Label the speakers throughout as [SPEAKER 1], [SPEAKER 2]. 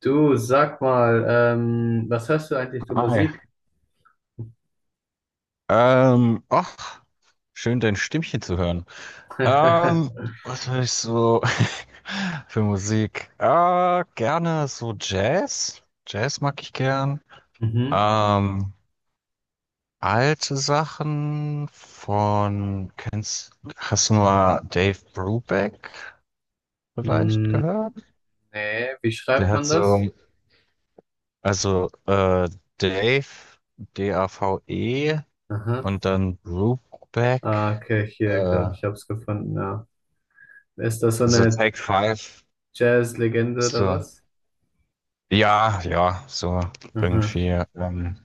[SPEAKER 1] Du, sag mal, was hörst du eigentlich für
[SPEAKER 2] Hi.
[SPEAKER 1] Musik?
[SPEAKER 2] Ach, schön dein Stimmchen zu hören. Ähm, Was höre ich so für Musik? Gerne so Jazz. Jazz mag ich gern.
[SPEAKER 1] Mhm.
[SPEAKER 2] Ähm, Alte Sachen von, hast du mal Dave Brubeck vielleicht
[SPEAKER 1] Mm,
[SPEAKER 2] gehört?
[SPEAKER 1] nee, wie
[SPEAKER 2] Der
[SPEAKER 1] schreibt
[SPEAKER 2] hat
[SPEAKER 1] man das?
[SPEAKER 2] so, also, Dave, Dave
[SPEAKER 1] Aha.
[SPEAKER 2] und dann
[SPEAKER 1] Ah,
[SPEAKER 2] Brubeck.
[SPEAKER 1] okay, hier, glaube
[SPEAKER 2] Äh,
[SPEAKER 1] ich, hab's gefunden, ja. Ist das so
[SPEAKER 2] So
[SPEAKER 1] eine
[SPEAKER 2] Take Five,
[SPEAKER 1] Jazz-Legende oder
[SPEAKER 2] so,
[SPEAKER 1] was?
[SPEAKER 2] ja, ja, so
[SPEAKER 1] Aha,
[SPEAKER 2] irgendwie,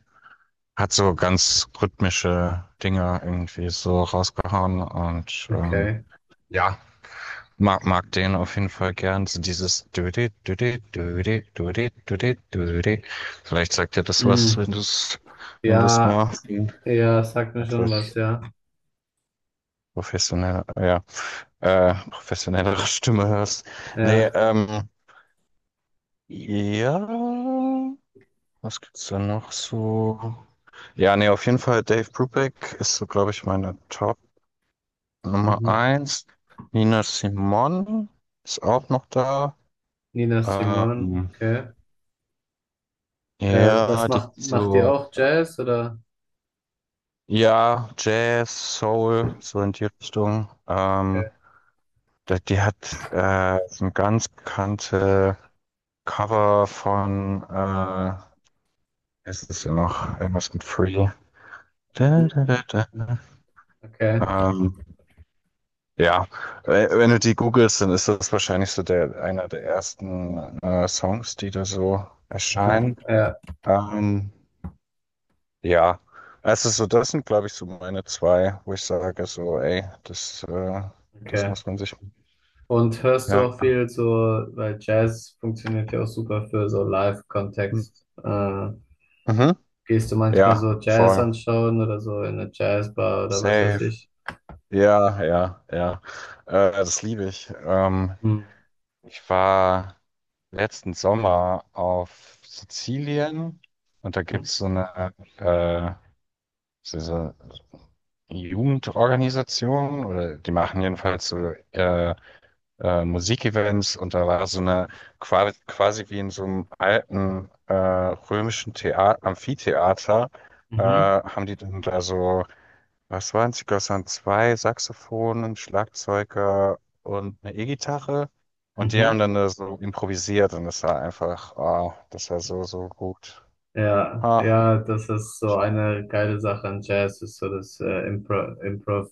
[SPEAKER 2] hat so ganz rhythmische Dinge irgendwie so rausgehauen und
[SPEAKER 1] okay.
[SPEAKER 2] ja, mag den auf jeden Fall gern. So dieses Düdi, Düdi, Düdi, Düdi, Düdi, Düdi. Vielleicht sagt dir das was,
[SPEAKER 1] Mm,
[SPEAKER 2] wenn du es wenn du es
[SPEAKER 1] ja,
[SPEAKER 2] mal in
[SPEAKER 1] ja, sagt mir schon
[SPEAKER 2] etwas
[SPEAKER 1] was, ja.
[SPEAKER 2] ja, professionellere Stimme hörst. Nee,
[SPEAKER 1] Ja,
[SPEAKER 2] ja. Was gibt's denn noch so? Ja, nee, auf jeden Fall Dave Brubeck ist so, glaube ich, meine Top Nummer
[SPEAKER 1] mhm.
[SPEAKER 2] eins. Nina Simone ist auch noch da.
[SPEAKER 1] Nina Simone,
[SPEAKER 2] Ähm,
[SPEAKER 1] okay. Was
[SPEAKER 2] ja, die
[SPEAKER 1] macht, macht ihr
[SPEAKER 2] so,
[SPEAKER 1] auch Jazz oder?
[SPEAKER 2] ja, Jazz, Soul, so in die Richtung.
[SPEAKER 1] Okay,
[SPEAKER 2] Die hat so ein ganz bekannte Cover von, ist es ist ja noch irgendwas mit Free. Da,
[SPEAKER 1] mhm,
[SPEAKER 2] da, da, da.
[SPEAKER 1] okay,
[SPEAKER 2] Ähm, Ja, wenn du die googelst, dann ist das wahrscheinlich so einer der ersten Songs, die da so
[SPEAKER 1] aha,
[SPEAKER 2] erscheinen.
[SPEAKER 1] ja,
[SPEAKER 2] Ähm, ja, also so das sind, glaube ich, so meine zwei, wo ich sage so, ey, das
[SPEAKER 1] okay.
[SPEAKER 2] muss man sich.
[SPEAKER 1] Und hörst du
[SPEAKER 2] Ja.
[SPEAKER 1] auch viel so, weil Jazz funktioniert ja auch super für so Live-Kontext.
[SPEAKER 2] Mhm.
[SPEAKER 1] Gehst du manchmal
[SPEAKER 2] Ja,
[SPEAKER 1] so Jazz
[SPEAKER 2] voll.
[SPEAKER 1] anschauen oder so in eine Jazzbar oder was weiß
[SPEAKER 2] Safe.
[SPEAKER 1] ich?
[SPEAKER 2] Ja, ja, ja. Das liebe ich.
[SPEAKER 1] Mhm.
[SPEAKER 2] Ich war letzten Sommer auf Sizilien und da gibt's so eine äh, diese Jugendorganisation oder die machen jedenfalls so äh, Musikevents und da war so eine quasi wie in so einem alten römischen Thea Amphitheater.
[SPEAKER 1] Mhm.
[SPEAKER 2] Haben die dann da so, was waren es? Ich glaube, es waren zwei Saxophonen, Schlagzeuger und eine E-Gitarre und die
[SPEAKER 1] Mhm.
[SPEAKER 2] haben dann da so improvisiert und das war einfach, ah, das war so, so gut.
[SPEAKER 1] Ja,
[SPEAKER 2] Ah,
[SPEAKER 1] ja, das ist so eine geile Sache an Jazz, ist so das Improv.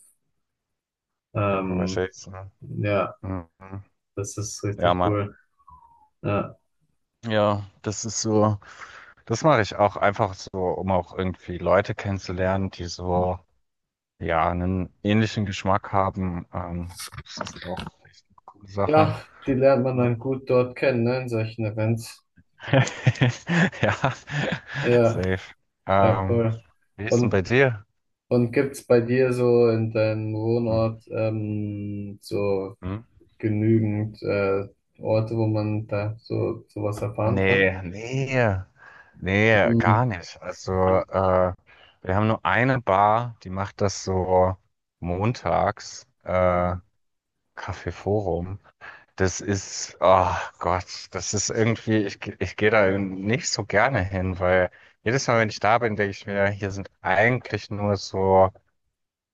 [SPEAKER 1] Ähm,
[SPEAKER 2] Improvisation.
[SPEAKER 1] ja,
[SPEAKER 2] Mhm.
[SPEAKER 1] das ist
[SPEAKER 2] Ja,
[SPEAKER 1] richtig
[SPEAKER 2] Mann.
[SPEAKER 1] cool. Ja.
[SPEAKER 2] Ja, das ist so, das mache ich auch einfach so, um auch irgendwie Leute kennenzulernen, die so, ja, einen ähnlichen Geschmack haben. Das ist auch echt eine coole Sache.
[SPEAKER 1] Ja, die lernt man
[SPEAKER 2] Ne?
[SPEAKER 1] dann gut dort kennen, ne, in solchen Events.
[SPEAKER 2] Ja,
[SPEAKER 1] Ja,
[SPEAKER 2] safe.
[SPEAKER 1] ja,
[SPEAKER 2] Ähm,
[SPEAKER 1] voll.
[SPEAKER 2] Wie ist denn bei
[SPEAKER 1] Und
[SPEAKER 2] dir?
[SPEAKER 1] Und gibt's bei dir so in deinem
[SPEAKER 2] Hm.
[SPEAKER 1] Wohnort so
[SPEAKER 2] Hm?
[SPEAKER 1] genügend Orte, wo man da so sowas erfahren kann?
[SPEAKER 2] Nee, nee, nee,
[SPEAKER 1] Mhm.
[SPEAKER 2] gar nicht. Also, wir haben nur eine Bar, die macht das so montags, Café Forum. Das ist, oh Gott, das ist irgendwie, ich gehe da nicht so gerne hin, weil jedes Mal, wenn ich da bin, denke ich mir, hier sind eigentlich nur so,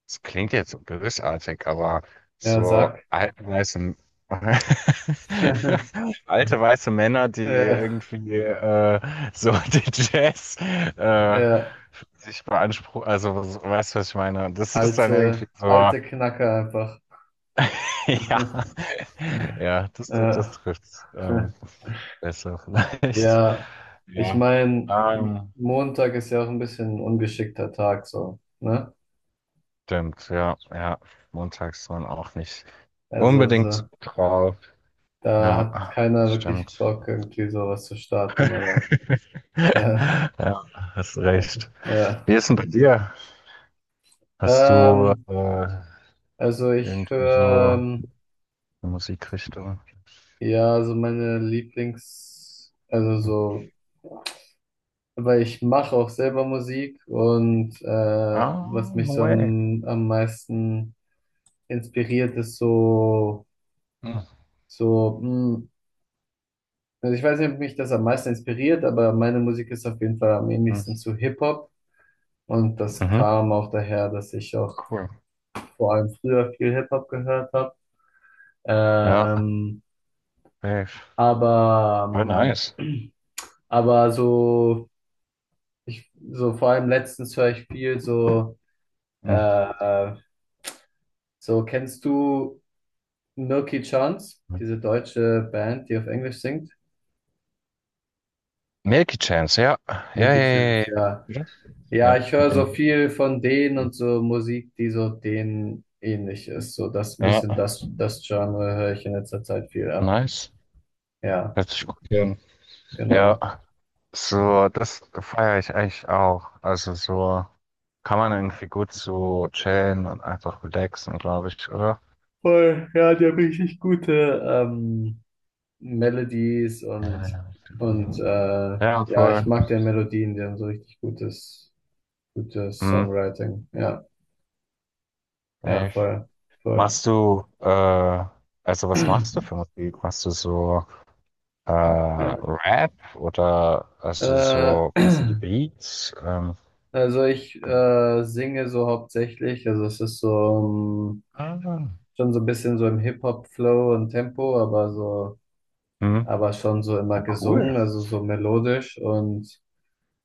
[SPEAKER 2] es klingt jetzt so bösartig, aber
[SPEAKER 1] Ja,
[SPEAKER 2] so
[SPEAKER 1] sag.
[SPEAKER 2] alte weiße, alte weiße Männer, die
[SPEAKER 1] Äh,
[SPEAKER 2] irgendwie so den Jazz äh,
[SPEAKER 1] äh,
[SPEAKER 2] sich beanspruchen, also weißt du, was ich meine? Das ist dann irgendwie
[SPEAKER 1] alte,
[SPEAKER 2] so.
[SPEAKER 1] alte Knacker einfach.
[SPEAKER 2] Ja, ja, das
[SPEAKER 1] Äh,
[SPEAKER 2] trifft's besser vielleicht.
[SPEAKER 1] ja, ich
[SPEAKER 2] Ja,
[SPEAKER 1] meine,
[SPEAKER 2] Ähm,
[SPEAKER 1] Montag ist ja auch ein bisschen ein ungeschickter Tag so, ne?
[SPEAKER 2] stimmt, ja, ja. Montags waren auch nicht
[SPEAKER 1] Also
[SPEAKER 2] unbedingt
[SPEAKER 1] so,
[SPEAKER 2] drauf.
[SPEAKER 1] da
[SPEAKER 2] Ja,
[SPEAKER 1] hat keiner
[SPEAKER 2] das
[SPEAKER 1] wirklich
[SPEAKER 2] stimmt.
[SPEAKER 1] Bock, irgendwie sowas zu starten, oder?
[SPEAKER 2] Ja, hast recht.
[SPEAKER 1] Ja.
[SPEAKER 2] Wie ist denn bei dir? Hast du
[SPEAKER 1] Ähm, also ich
[SPEAKER 2] irgendwie
[SPEAKER 1] höre,
[SPEAKER 2] so eine Musikrichtung?
[SPEAKER 1] ja, also meine Lieblings, also
[SPEAKER 2] Hm.
[SPEAKER 1] so, weil ich mache auch selber Musik und was
[SPEAKER 2] Ah,
[SPEAKER 1] mich
[SPEAKER 2] no
[SPEAKER 1] so
[SPEAKER 2] way.
[SPEAKER 1] am meisten inspiriert, ist so,
[SPEAKER 2] Hm.
[SPEAKER 1] so, also ich weiß nicht, ob mich das am meisten inspiriert, aber meine Musik ist auf jeden Fall am
[SPEAKER 2] Hm.
[SPEAKER 1] ähnlichsten zu Hip-Hop und das
[SPEAKER 2] Mhm.
[SPEAKER 1] kam auch daher, dass ich auch
[SPEAKER 2] Cool.
[SPEAKER 1] vor allem früher viel Hip-Hop gehört habe.
[SPEAKER 2] Ja,
[SPEAKER 1] Ähm,
[SPEAKER 2] safe.
[SPEAKER 1] Aber,
[SPEAKER 2] Voll nice.
[SPEAKER 1] ähm, aber so, ich, so vor allem letztens höre ich viel so, äh,
[SPEAKER 2] Hm.
[SPEAKER 1] äh, so kennst du Milky Chance, diese deutsche Band, die auf Englisch singt?
[SPEAKER 2] Milky Chance, ja. Ja, ja,
[SPEAKER 1] Milky
[SPEAKER 2] ja,
[SPEAKER 1] Chance,
[SPEAKER 2] ja.
[SPEAKER 1] ja.
[SPEAKER 2] Ja,
[SPEAKER 1] Ja,
[SPEAKER 2] Ja,
[SPEAKER 1] ich
[SPEAKER 2] von
[SPEAKER 1] höre so
[SPEAKER 2] Enrique.
[SPEAKER 1] viel von denen und so Musik, die so denen ähnlich ist. So das ein
[SPEAKER 2] Ja,
[SPEAKER 1] bisschen das, das Genre höre ich in letzter Zeit viel ab.
[SPEAKER 2] nice.
[SPEAKER 1] Ja,
[SPEAKER 2] Hört sich gut an. Ja,
[SPEAKER 1] genau.
[SPEAKER 2] so, das feiere ich eigentlich auch. Also so kann man irgendwie gut so chillen und einfach relaxen, glaube ich, oder?
[SPEAKER 1] Voll, ja, die haben richtig gute, Melodies
[SPEAKER 2] Ja,
[SPEAKER 1] und,
[SPEAKER 2] ja, genau.
[SPEAKER 1] und äh,
[SPEAKER 2] Ja,
[SPEAKER 1] ja, ich
[SPEAKER 2] voll.
[SPEAKER 1] mag deren Melodien, die haben so richtig gutes, gutes
[SPEAKER 2] Hm,
[SPEAKER 1] Songwriting. Ja, ja,
[SPEAKER 2] echt.
[SPEAKER 1] voll, voll.
[SPEAKER 2] Machst du, äh, also was machst du für Musik? Machst du so
[SPEAKER 1] Ja.
[SPEAKER 2] Rap oder also
[SPEAKER 1] Äh,
[SPEAKER 2] so, machst du die Beats?
[SPEAKER 1] also ich singe so hauptsächlich, also es ist so
[SPEAKER 2] Ah.
[SPEAKER 1] schon so ein bisschen so im Hip-Hop-Flow und Tempo, aber so,
[SPEAKER 2] Mhm.
[SPEAKER 1] aber schon so immer
[SPEAKER 2] Na, cool.
[SPEAKER 1] gesungen, also so melodisch und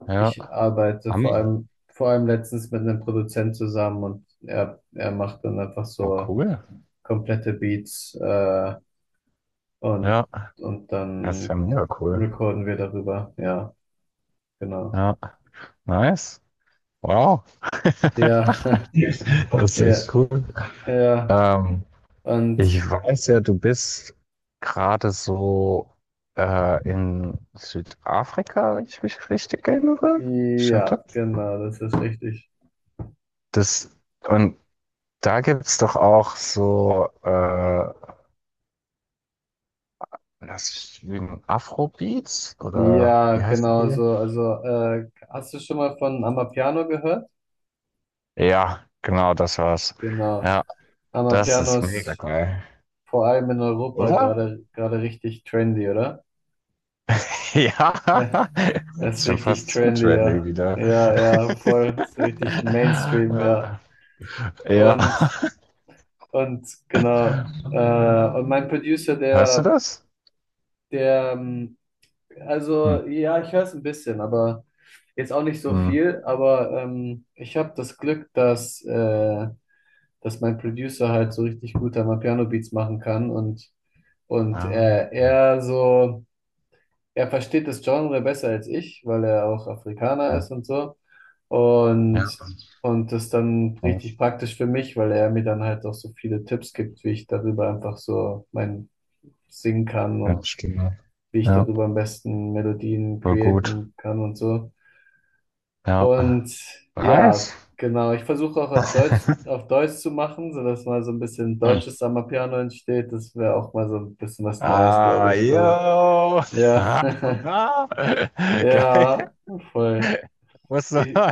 [SPEAKER 2] Ja.
[SPEAKER 1] ich arbeite
[SPEAKER 2] Hammer.
[SPEAKER 1] vor allem letztens mit einem Produzent zusammen und er macht dann einfach
[SPEAKER 2] Oh,
[SPEAKER 1] so
[SPEAKER 2] cool.
[SPEAKER 1] komplette Beats und,
[SPEAKER 2] Ja.
[SPEAKER 1] und
[SPEAKER 2] Das ist ja
[SPEAKER 1] dann
[SPEAKER 2] mega cool.
[SPEAKER 1] recorden wir darüber. Ja, genau.
[SPEAKER 2] Ja. Nice. Wow.
[SPEAKER 1] Ja,
[SPEAKER 2] Yes. Das ist
[SPEAKER 1] ja,
[SPEAKER 2] echt cool.
[SPEAKER 1] ja.
[SPEAKER 2] Ähm,
[SPEAKER 1] Und
[SPEAKER 2] Ich weiß ja, du bist gerade so in Südafrika, wenn ich mich richtig erinnere. Stimmt das?
[SPEAKER 1] ja, genau, das ist richtig.
[SPEAKER 2] Das, und da gibt es doch auch so, das ist ich lügen, Afrobeats oder
[SPEAKER 1] Ja,
[SPEAKER 2] wie heißt
[SPEAKER 1] genau so.
[SPEAKER 2] die?
[SPEAKER 1] Also, hast du schon mal von Amapiano gehört?
[SPEAKER 2] Ja, genau, das war's.
[SPEAKER 1] Genau.
[SPEAKER 2] Ja, das
[SPEAKER 1] Amapiano
[SPEAKER 2] ist mega
[SPEAKER 1] ist
[SPEAKER 2] geil.
[SPEAKER 1] vor allem in Europa
[SPEAKER 2] Oder?
[SPEAKER 1] gerade richtig trendy, oder?
[SPEAKER 2] Ja,
[SPEAKER 1] Ja, das
[SPEAKER 2] ist
[SPEAKER 1] ist
[SPEAKER 2] schon
[SPEAKER 1] richtig
[SPEAKER 2] fast zu
[SPEAKER 1] trendy,
[SPEAKER 2] trendy
[SPEAKER 1] ja.
[SPEAKER 2] wieder.
[SPEAKER 1] Ja, ja, voll, ist richtig Mainstream, ja.
[SPEAKER 2] Ja. Ja.
[SPEAKER 1] Und, und genau. Und mein Producer,
[SPEAKER 2] Hörst du das?
[SPEAKER 1] der,
[SPEAKER 2] Hm.
[SPEAKER 1] also ja, ich höre es ein bisschen, aber jetzt auch nicht so
[SPEAKER 2] Hm.
[SPEAKER 1] viel. Aber ich habe das Glück, dass, dass mein Producer halt so richtig gut am Piano Beats machen kann und
[SPEAKER 2] Ja,
[SPEAKER 1] er so. Er versteht das Genre besser als ich, weil er auch Afrikaner ist und so.
[SPEAKER 2] ja,
[SPEAKER 1] Und, und das dann richtig praktisch für mich, weil er mir dann halt auch so viele Tipps gibt, wie ich darüber einfach so mein singen kann
[SPEAKER 2] ja,
[SPEAKER 1] und
[SPEAKER 2] Stimme.
[SPEAKER 1] wie ich
[SPEAKER 2] Ja,
[SPEAKER 1] darüber am besten Melodien
[SPEAKER 2] voll gut.
[SPEAKER 1] createn kann und so.
[SPEAKER 2] Ja.
[SPEAKER 1] Und ja,
[SPEAKER 2] Nice.
[SPEAKER 1] genau, ich versuche auch auf Deutsch zu machen, sodass mal so ein bisschen
[SPEAKER 2] Hm.
[SPEAKER 1] deutsches Piano entsteht. Das wäre auch mal so ein bisschen was Neues, glaube
[SPEAKER 2] Ah,
[SPEAKER 1] ich, für,
[SPEAKER 2] yo.
[SPEAKER 1] ja,
[SPEAKER 2] Geil.
[SPEAKER 1] ja, voll.
[SPEAKER 2] Musst du,
[SPEAKER 1] Ich,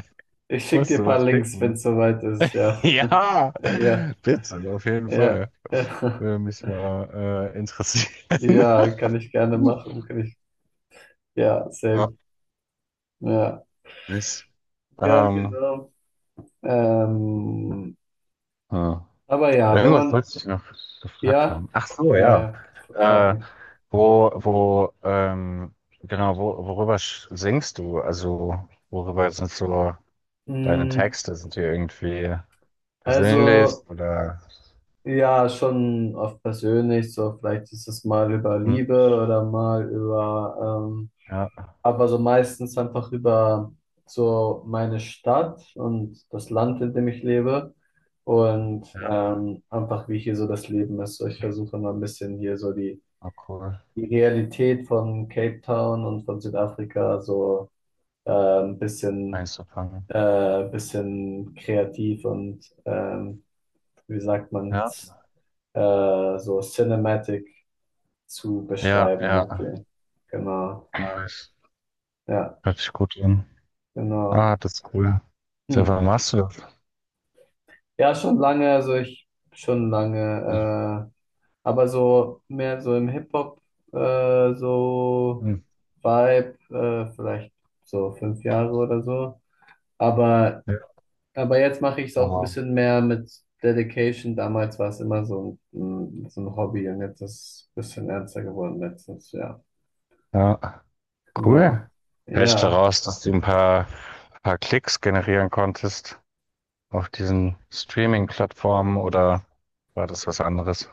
[SPEAKER 1] ich schicke
[SPEAKER 2] musst
[SPEAKER 1] dir ein
[SPEAKER 2] du
[SPEAKER 1] paar
[SPEAKER 2] mal
[SPEAKER 1] Links, wenn
[SPEAKER 2] schicken.
[SPEAKER 1] es soweit ist. Ja,
[SPEAKER 2] Ja,
[SPEAKER 1] ja,
[SPEAKER 2] bitte, auf jeden
[SPEAKER 1] ja,
[SPEAKER 2] Fall.
[SPEAKER 1] ja,
[SPEAKER 2] Würde mich mal interessieren.
[SPEAKER 1] ja, kann ich gerne
[SPEAKER 2] Uh,
[SPEAKER 1] machen. Kann ich, ja,
[SPEAKER 2] Ja,
[SPEAKER 1] safe. Ja,
[SPEAKER 2] nicht.
[SPEAKER 1] ja,
[SPEAKER 2] Ähm,
[SPEAKER 1] genau. Ähm,
[SPEAKER 2] ja.
[SPEAKER 1] aber ja, wenn
[SPEAKER 2] Irgendwas
[SPEAKER 1] man,
[SPEAKER 2] wollte ich noch gefragt
[SPEAKER 1] ja,
[SPEAKER 2] haben. Ach so,
[SPEAKER 1] ja,
[SPEAKER 2] ja.
[SPEAKER 1] ja, f- frag
[SPEAKER 2] Äh,
[SPEAKER 1] mich.
[SPEAKER 2] wo, wo, ähm, worüber singst du? Also, worüber sind so deine
[SPEAKER 1] Mm,
[SPEAKER 2] Texte? Sind die irgendwie persönlich
[SPEAKER 1] also,
[SPEAKER 2] oder?
[SPEAKER 1] ja, schon oft persönlich, so vielleicht ist es mal über
[SPEAKER 2] Hm,
[SPEAKER 1] Liebe oder mal über,
[SPEAKER 2] ja,
[SPEAKER 1] aber so meistens einfach über so meine Stadt und das Land, in dem ich lebe und
[SPEAKER 2] ja,
[SPEAKER 1] einfach wie hier so das Leben ist. So, ich versuche mal ein bisschen hier so die,
[SPEAKER 2] oh, cool.
[SPEAKER 1] die Realität von Cape Town und von Südafrika so ein bisschen,
[SPEAKER 2] Einzufangen.
[SPEAKER 1] bisschen kreativ und wie sagt man,
[SPEAKER 2] Ja,
[SPEAKER 1] so cinematic zu
[SPEAKER 2] ja,
[SPEAKER 1] beschreiben
[SPEAKER 2] ja.
[SPEAKER 1] irgendwie. Genau,
[SPEAKER 2] Nice.
[SPEAKER 1] ja,
[SPEAKER 2] Hört sich gut an.
[SPEAKER 1] genau.
[SPEAKER 2] Ah, das ist cool. Seit
[SPEAKER 1] Hm.
[SPEAKER 2] wann machst du das?
[SPEAKER 1] Ja, schon lange, also ich schon lange, aber so mehr so im Hip-Hop, so
[SPEAKER 2] Mhm.
[SPEAKER 1] Vibe, vielleicht so 5 Jahre oder so. Aber,
[SPEAKER 2] Ja,
[SPEAKER 1] aber jetzt mache ich es auch ein
[SPEAKER 2] aber-
[SPEAKER 1] bisschen mehr mit Dedication. Damals war es immer so ein, mm, so ein Hobby und jetzt ist es ein bisschen ernster geworden letztens, ja.
[SPEAKER 2] ja, cool.
[SPEAKER 1] Genau.
[SPEAKER 2] Vielleicht
[SPEAKER 1] Ja.
[SPEAKER 2] daraus, dass du ein paar Klicks generieren konntest auf diesen Streaming-Plattformen oder war das was anderes?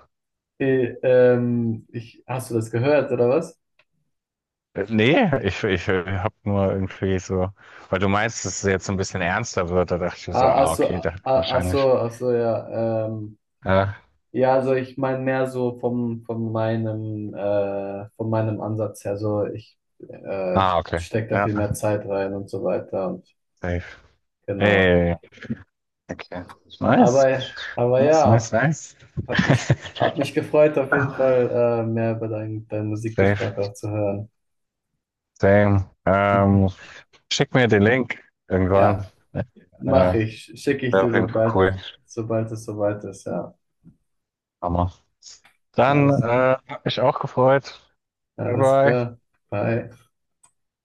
[SPEAKER 1] Ich, hast du das gehört, oder was?
[SPEAKER 2] Nee, ich habe nur irgendwie so, weil du meinst, dass es jetzt ein bisschen ernster wird, da dachte ich mir so, ah, okay,
[SPEAKER 1] Ah,
[SPEAKER 2] da wahrscheinlich.
[SPEAKER 1] ach so, ja.
[SPEAKER 2] Ja.
[SPEAKER 1] Ja, also ich meine mehr so vom, von meinem Ansatz her. So ich, ich
[SPEAKER 2] Ah, okay.
[SPEAKER 1] stecke da
[SPEAKER 2] Ja,
[SPEAKER 1] viel mehr Zeit rein und so weiter und
[SPEAKER 2] safe.
[SPEAKER 1] genau.
[SPEAKER 2] Ey. Okay. Nice.
[SPEAKER 1] Aber, aber
[SPEAKER 2] Nice,
[SPEAKER 1] ja,
[SPEAKER 2] nice, nice.
[SPEAKER 1] hat mich gefreut, auf jeden Fall mehr über deinen Musikgeschmack
[SPEAKER 2] Safe.
[SPEAKER 1] auch zu hören.
[SPEAKER 2] Same. Schick mir den Link irgendwann.
[SPEAKER 1] Ja,
[SPEAKER 2] Äh,
[SPEAKER 1] mache ich. Schicke ich
[SPEAKER 2] Wäre
[SPEAKER 1] dir,
[SPEAKER 2] auf jeden Fall
[SPEAKER 1] sobald,
[SPEAKER 2] cool.
[SPEAKER 1] sobald es soweit ist. Ja,
[SPEAKER 2] Hammer. Dann
[SPEAKER 1] alles,
[SPEAKER 2] hat mich auch gefreut. Bye
[SPEAKER 1] alles
[SPEAKER 2] bye.
[SPEAKER 1] klar. Bye.